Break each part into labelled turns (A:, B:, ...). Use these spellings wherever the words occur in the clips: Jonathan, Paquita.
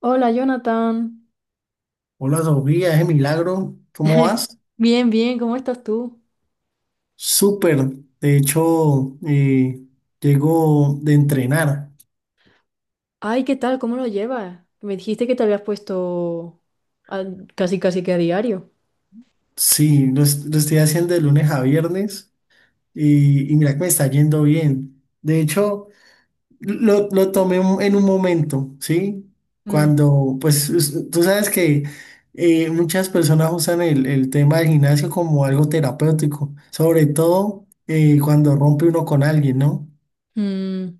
A: Hola, Jonathan.
B: Hola Sofía, ese milagro, ¿cómo vas?
A: Bien, bien, ¿cómo estás tú?
B: Súper, de hecho, llego de entrenar.
A: Ay, ¿qué tal? ¿Cómo lo llevas? Me dijiste que te habías puesto a- casi, casi que a diario.
B: Sí, lo estoy haciendo de lunes a viernes y mira que me está yendo bien. De hecho, lo tomé en un momento, ¿sí?
A: Mm,
B: Pues tú sabes que muchas personas usan el tema del gimnasio como algo terapéutico, sobre todo cuando rompe uno con alguien, ¿no?
A: mm.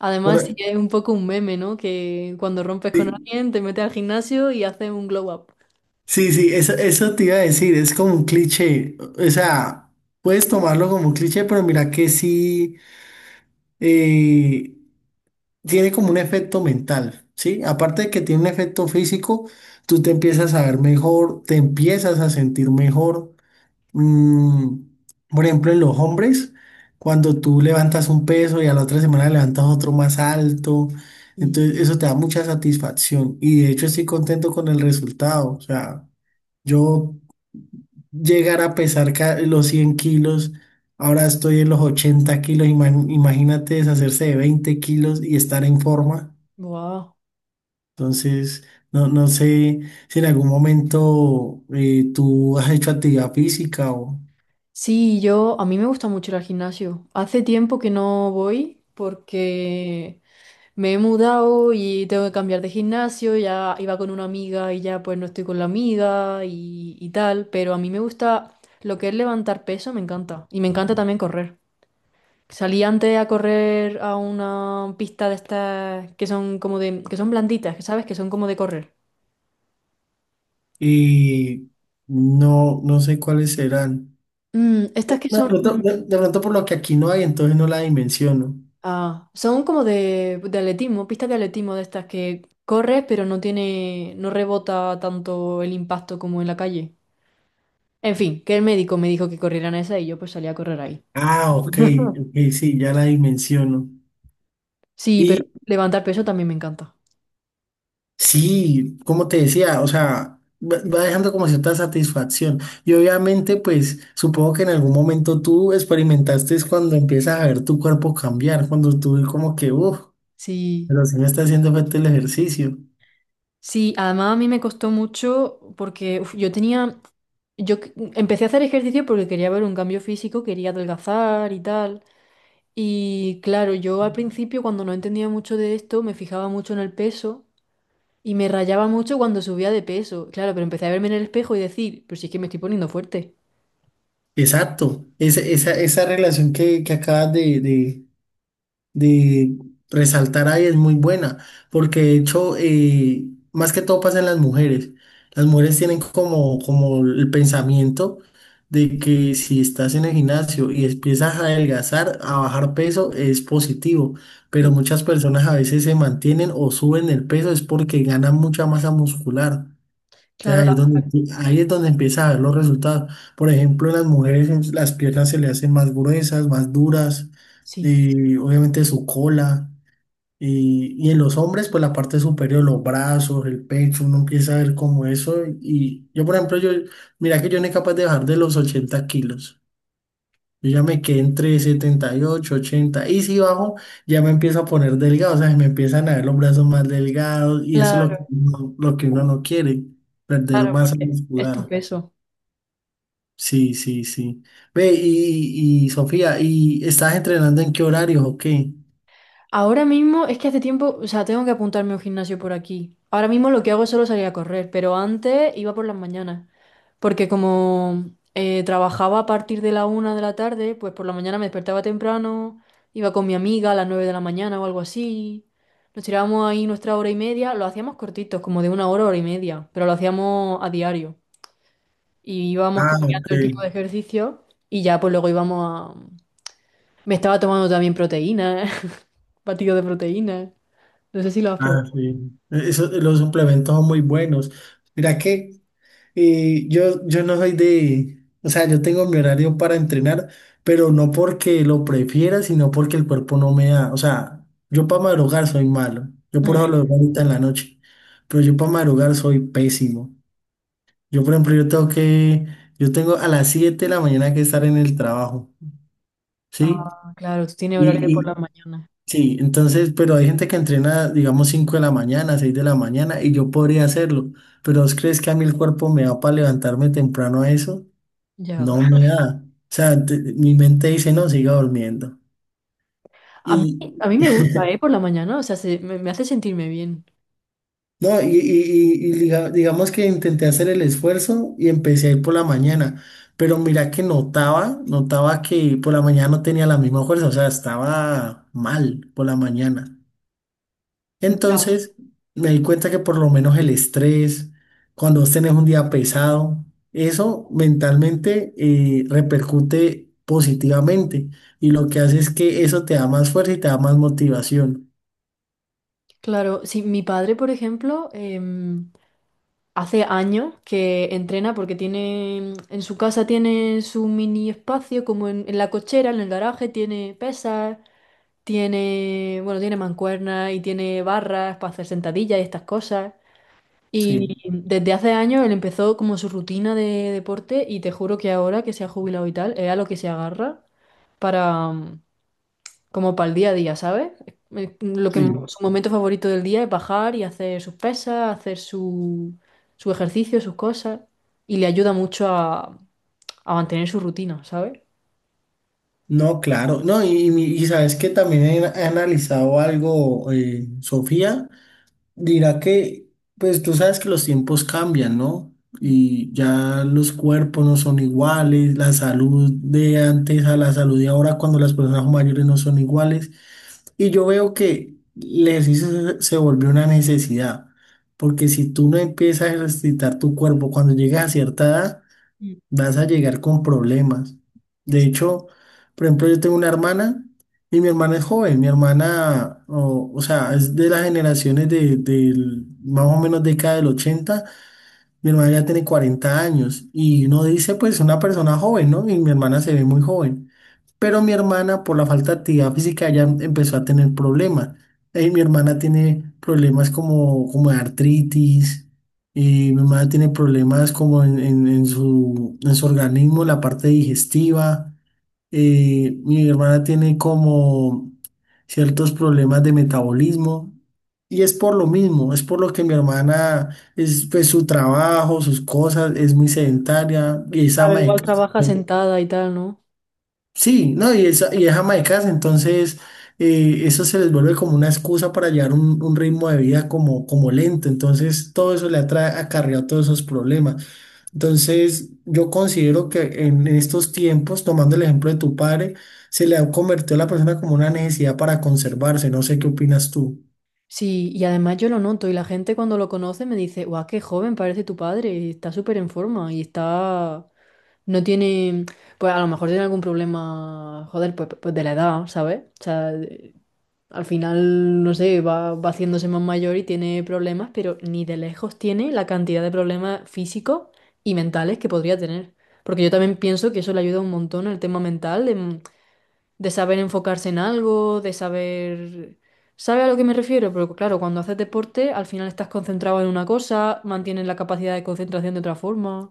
A: Además, sí
B: Por-
A: que es un poco un meme, ¿no? Que cuando rompes con
B: sí.
A: alguien, te metes al gimnasio y haces un glow up.
B: Sí, sí, eso te iba a decir, es como un cliché, o sea, puedes tomarlo como un cliché, pero mira que sí eh, tiene como un efecto mental, ¿sí? Aparte de que tiene un efecto físico, tú te empiezas a ver mejor, te empiezas a sentir mejor. Mm, por ejemplo, en los hombres, cuando tú levantas un peso y a la otra semana levantas otro más alto,
A: Y-
B: entonces eso te da mucha satisfacción y de hecho estoy contento con el resultado, o sea. Yo llegar a pesar los 100 kilos, ahora estoy en los 80 kilos, imagínate deshacerse de 20 kilos y estar en forma.
A: Wow.
B: Entonces, no, no sé si en algún momento tú has hecho actividad física o
A: Sí, a mí me gusta mucho ir al gimnasio. Hace tiempo que no voy porque me he mudado y tengo que cambiar de gimnasio, ya iba con una amiga y ya pues no estoy con la amiga y tal, pero a mí me gusta lo que es levantar peso, me encanta. Y me encanta también correr. Salí antes a correr a una pista de estas que son como de, que son blanditas, que sabes que son como de correr.
B: y no, no sé cuáles serán.
A: Mm, estas que
B: No, de
A: son,
B: pronto, de- de pronto por lo que aquí no hay, entonces no la dimensiono.
A: ah, son como de atletismo, pistas de atletismo de estas que corres pero no tiene, no rebota tanto el impacto como en la calle. En fin, que el médico me dijo que corrieran esa y yo pues salí a correr ahí.
B: Ah, ok, ok, sí, ya la dimensiono.
A: Sí, pero levantar peso también me encanta.
B: Sí, como te decía, o sea, va dejando como cierta satisfacción. Y obviamente, pues supongo que en algún momento tú experimentaste es cuando empiezas a ver tu cuerpo cambiar, cuando tú como que, uff,
A: Sí,
B: pero sí me está haciendo falta el ejercicio.
A: sí, además a mí me costó mucho porque uf, yo tenía, yo que- empecé a hacer ejercicio porque quería ver un cambio físico, quería adelgazar y tal. Y claro, yo al principio cuando no entendía mucho de esto, me fijaba mucho en el peso y me rayaba mucho cuando subía de peso. Claro, pero empecé a verme en el espejo y decir, pues si es que me estoy poniendo fuerte.
B: Exacto, esa relación que acabas de resaltar ahí es muy buena, porque de hecho, más que todo pasa en las mujeres. Las mujeres tienen como el pensamiento de que si estás en el gimnasio y empiezas a adelgazar, a bajar peso, es positivo,
A: Sí,
B: pero muchas personas a veces se mantienen o suben el peso es porque ganan mucha masa muscular. Entonces,
A: claro,
B: ahí es donde empieza a ver los resultados. Por ejemplo, en las mujeres las piernas se le hacen más gruesas, más duras,
A: sí.
B: y obviamente su cola. Y en los hombres, pues la parte superior, los brazos, el pecho, uno empieza a ver como eso. Y yo, por ejemplo, mira que yo no soy capaz de bajar de los 80 kilos. Yo ya me quedé entre 78, 80 y si bajo ya me empiezo a poner delgado, o sea, me empiezan a ver los brazos más delgados y eso es
A: Claro,
B: lo que uno no quiere, perder
A: claro,
B: masa
A: porque es tu
B: muscular.
A: peso.
B: Sí, sí, sí. Ve, y Sofía, ¿y estás entrenando en qué horarios o qué?
A: Ahora mismo es que hace tiempo, o sea, tengo que apuntarme a un gimnasio por aquí. Ahora mismo lo que hago es solo salir a correr, pero antes iba por las mañanas. Porque como trabajaba a partir de la 1 de la tarde, pues por la mañana me despertaba temprano, iba con mi amiga a las 9 de la mañana o algo así. Nos tirábamos ahí nuestra hora y media, lo hacíamos cortitos, como de una hora, hora y media, pero lo hacíamos a diario. Y íbamos
B: Ah,
A: cambiando
B: ok.
A: el tipo de ejercicio y ya pues luego íbamos. Me estaba tomando también proteína, batido de proteína. No sé si lo has
B: Ah,
A: probado.
B: sí. Eso, los suplementos son muy buenos. Mira que. Y yo, no soy de, o sea, yo tengo mi horario para entrenar, pero no porque lo prefiera, sino porque el cuerpo no me da. O sea, yo para madrugar soy malo. Yo por
A: Eh.
B: eso lo veo ahorita en la noche. Pero yo para madrugar soy pésimo. Yo, por ejemplo, yo tengo a las 7 de la mañana que estar en el trabajo, ¿sí?
A: Ah, claro, tú tienes horario de
B: Y,
A: por
B: y
A: la mañana.
B: sí, entonces, pero hay gente que entrena, digamos, 5 de la mañana, 6 de la mañana, y yo podría hacerlo. Pero ¿vos crees que a mí el cuerpo me da para levantarme temprano a eso?
A: Ya.
B: No me da. O sea, mi mente dice, no, siga durmiendo. Y,
A: A mí me gusta, ¿eh? Por la mañana, o sea, me hace sentirme bien.
B: no, digamos que intenté hacer el esfuerzo y empecé a ir por la mañana, pero mira que notaba que por la mañana no tenía la misma fuerza, o sea, estaba mal por la mañana. Entonces, me di cuenta que por lo menos el estrés, cuando vos tenés un día pesado, eso mentalmente repercute positivamente y lo que hace es que eso te da más fuerza y te da más motivación.
A: Claro, sí, mi padre, por ejemplo, hace años que entrena porque tiene, en su casa tiene su mini espacio, como en la cochera, en el garaje, tiene pesas, tiene, bueno, tiene mancuernas y tiene barras para hacer sentadillas y estas cosas. Y
B: Sí,
A: desde hace años él empezó como su rutina de deporte y te juro que ahora que se ha jubilado y tal, es a lo que se agarra para como para el día a día, ¿sabes? Lo que
B: sí.
A: su momento favorito del día es bajar y hacer sus pesas, hacer su, su ejercicio, sus cosas, y le ayuda mucho a mantener su rutina, ¿sabes?
B: No, claro. No, y sabes que también he analizado algo, Sofía. Dirá que, pues tú sabes que los tiempos cambian, ¿no?
A: Mm,
B: Y ya los cuerpos no son iguales, la salud de antes a la salud de ahora cuando las personas mayores no son iguales. Y yo veo que el ejercicio se volvió una necesidad, porque si tú no empiezas a ejercitar tu cuerpo cuando llegas a cierta edad,
A: mm.
B: vas a llegar con problemas. De hecho, por ejemplo, yo tengo una hermana y mi hermana es joven, mi hermana, o sea, es de las generaciones de, más o menos década del 80. Mi hermana ya tiene 40 años y uno dice, pues, una persona joven, ¿no? Y mi hermana se ve muy joven. Pero mi hermana, por la falta de actividad física, ya empezó a tener problemas. Mi hermana tiene problemas como, como de artritis, mi hermana tiene problemas como en su organismo, la parte digestiva. Mi hermana tiene como ciertos problemas de metabolismo. Y es por lo mismo, es por lo que mi hermana, es, pues su trabajo, sus cosas, es muy sedentaria y es
A: Claro,
B: ama de
A: igual
B: casa.
A: trabaja sentada y tal, ¿no?
B: Sí, no, y es ama de casa, entonces eso se les vuelve como una excusa para llevar un ritmo de vida como, como lento, entonces todo eso le ha acarreado todos esos problemas. Entonces yo considero que en estos tiempos, tomando el ejemplo de tu padre, se le ha convertido a la persona como una necesidad para conservarse, no sé qué opinas tú.
A: Sí, y además yo lo noto y la gente cuando lo conoce me dice, guau, qué joven parece tu padre, y está súper en forma y está... No tiene... Pues a lo mejor tiene algún problema, joder, pues, pues de la edad, ¿sabes? O sea, al final, no sé, va, va haciéndose más mayor y tiene problemas, pero ni de lejos tiene la cantidad de problemas físicos y mentales que podría tener. Porque yo también pienso que eso le ayuda un montón al tema mental, de saber enfocarse en algo, de saber... ¿Sabe a lo que me refiero? Pero claro, cuando haces deporte, al final estás concentrado en una cosa, mantienes la capacidad de concentración de otra forma.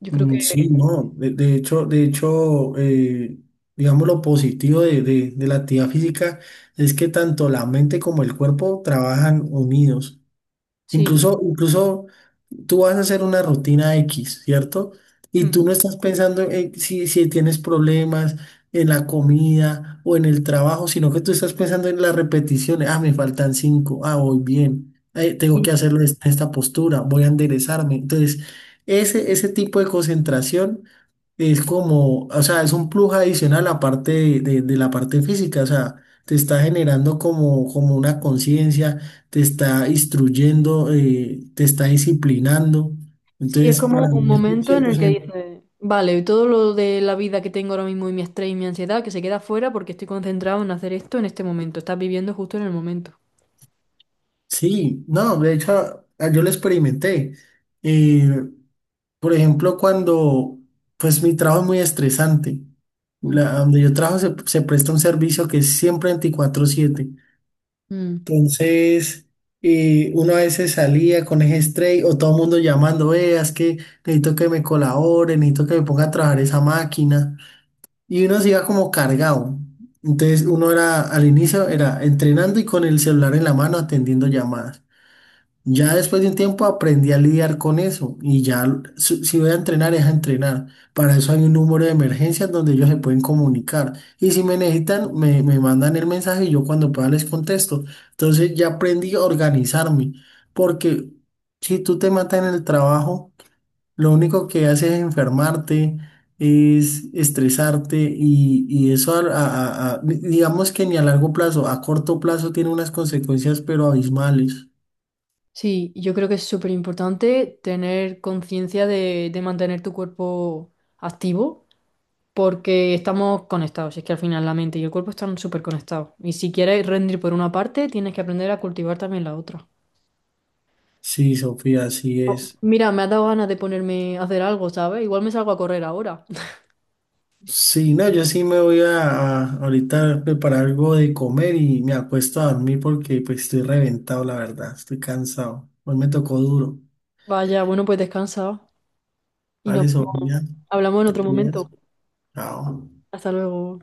A: Yo creo
B: Mm,
A: que
B: sí, no, de hecho, digamos lo positivo de, de la actividad física es que tanto la mente como el cuerpo trabajan unidos.
A: sí.
B: Incluso tú vas a hacer una rutina X, ¿cierto? Y
A: Mm.
B: tú no estás pensando en si tienes problemas en la comida o en el trabajo, sino que tú estás pensando en las repeticiones. Ah, me faltan cinco. Ah, voy bien. Tengo
A: Sí,
B: que hacerlo en esta postura. Voy a enderezarme. Entonces, ese tipo de concentración. Es como, o sea, es un plus adicional aparte de la parte física, o sea, te está generando como una conciencia, te está instruyendo, te está disciplinando.
A: sí, es
B: Entonces,
A: como
B: para
A: un
B: mí es un
A: momento en el que
B: 100%.
A: dices, vale, y todo lo de la vida que tengo ahora mismo y mi estrés y mi ansiedad que se queda fuera porque estoy concentrado en hacer esto en este momento. Estás viviendo justo en el momento.
B: Sí, no, de hecho, ah, yo lo experimenté. Eh, por ejemplo, pues mi trabajo es muy estresante.
A: Mm.
B: Donde yo trabajo se presta un servicio que es siempre 24/7.
A: Mm.
B: Entonces, uno a veces salía con ese estrés o todo el mundo llamando, veas que necesito que me colaboren, necesito que me ponga a trabajar esa máquina. Y uno se iba como cargado. Entonces, uno era, al inicio era entrenando y con el celular en la mano atendiendo llamadas. Ya después de un tiempo aprendí a lidiar con eso y ya si voy a entrenar es a entrenar. Para eso hay un número de emergencias donde ellos se pueden comunicar y si me necesitan me mandan el mensaje y yo cuando pueda les contesto. Entonces ya aprendí a organizarme porque si tú te matas en el trabajo, lo único que haces es enfermarte, es estresarte y eso digamos que ni a largo plazo, a corto plazo tiene unas consecuencias pero abismales.
A: Sí, yo creo que es súper importante tener conciencia de mantener tu cuerpo activo porque estamos conectados, es que al final la mente y el cuerpo están súper conectados. Y si quieres rendir por una parte, tienes que aprender a cultivar también la otra.
B: Sí, Sofía, así
A: Oh,
B: es.
A: mira, me ha dado ganas de ponerme a hacer algo, ¿sabes? Igual me salgo a correr ahora.
B: Sí, no, yo sí me voy a ahorita a preparar algo de comer y me acuesto a dormir porque pues estoy reventado, la verdad, estoy cansado. Hoy me tocó duro.
A: Vaya, bueno, pues descansa y nos
B: Vale, Sofía,
A: hablamos en
B: te
A: otro
B: cuidas.
A: momento.
B: Chao.
A: Hasta luego.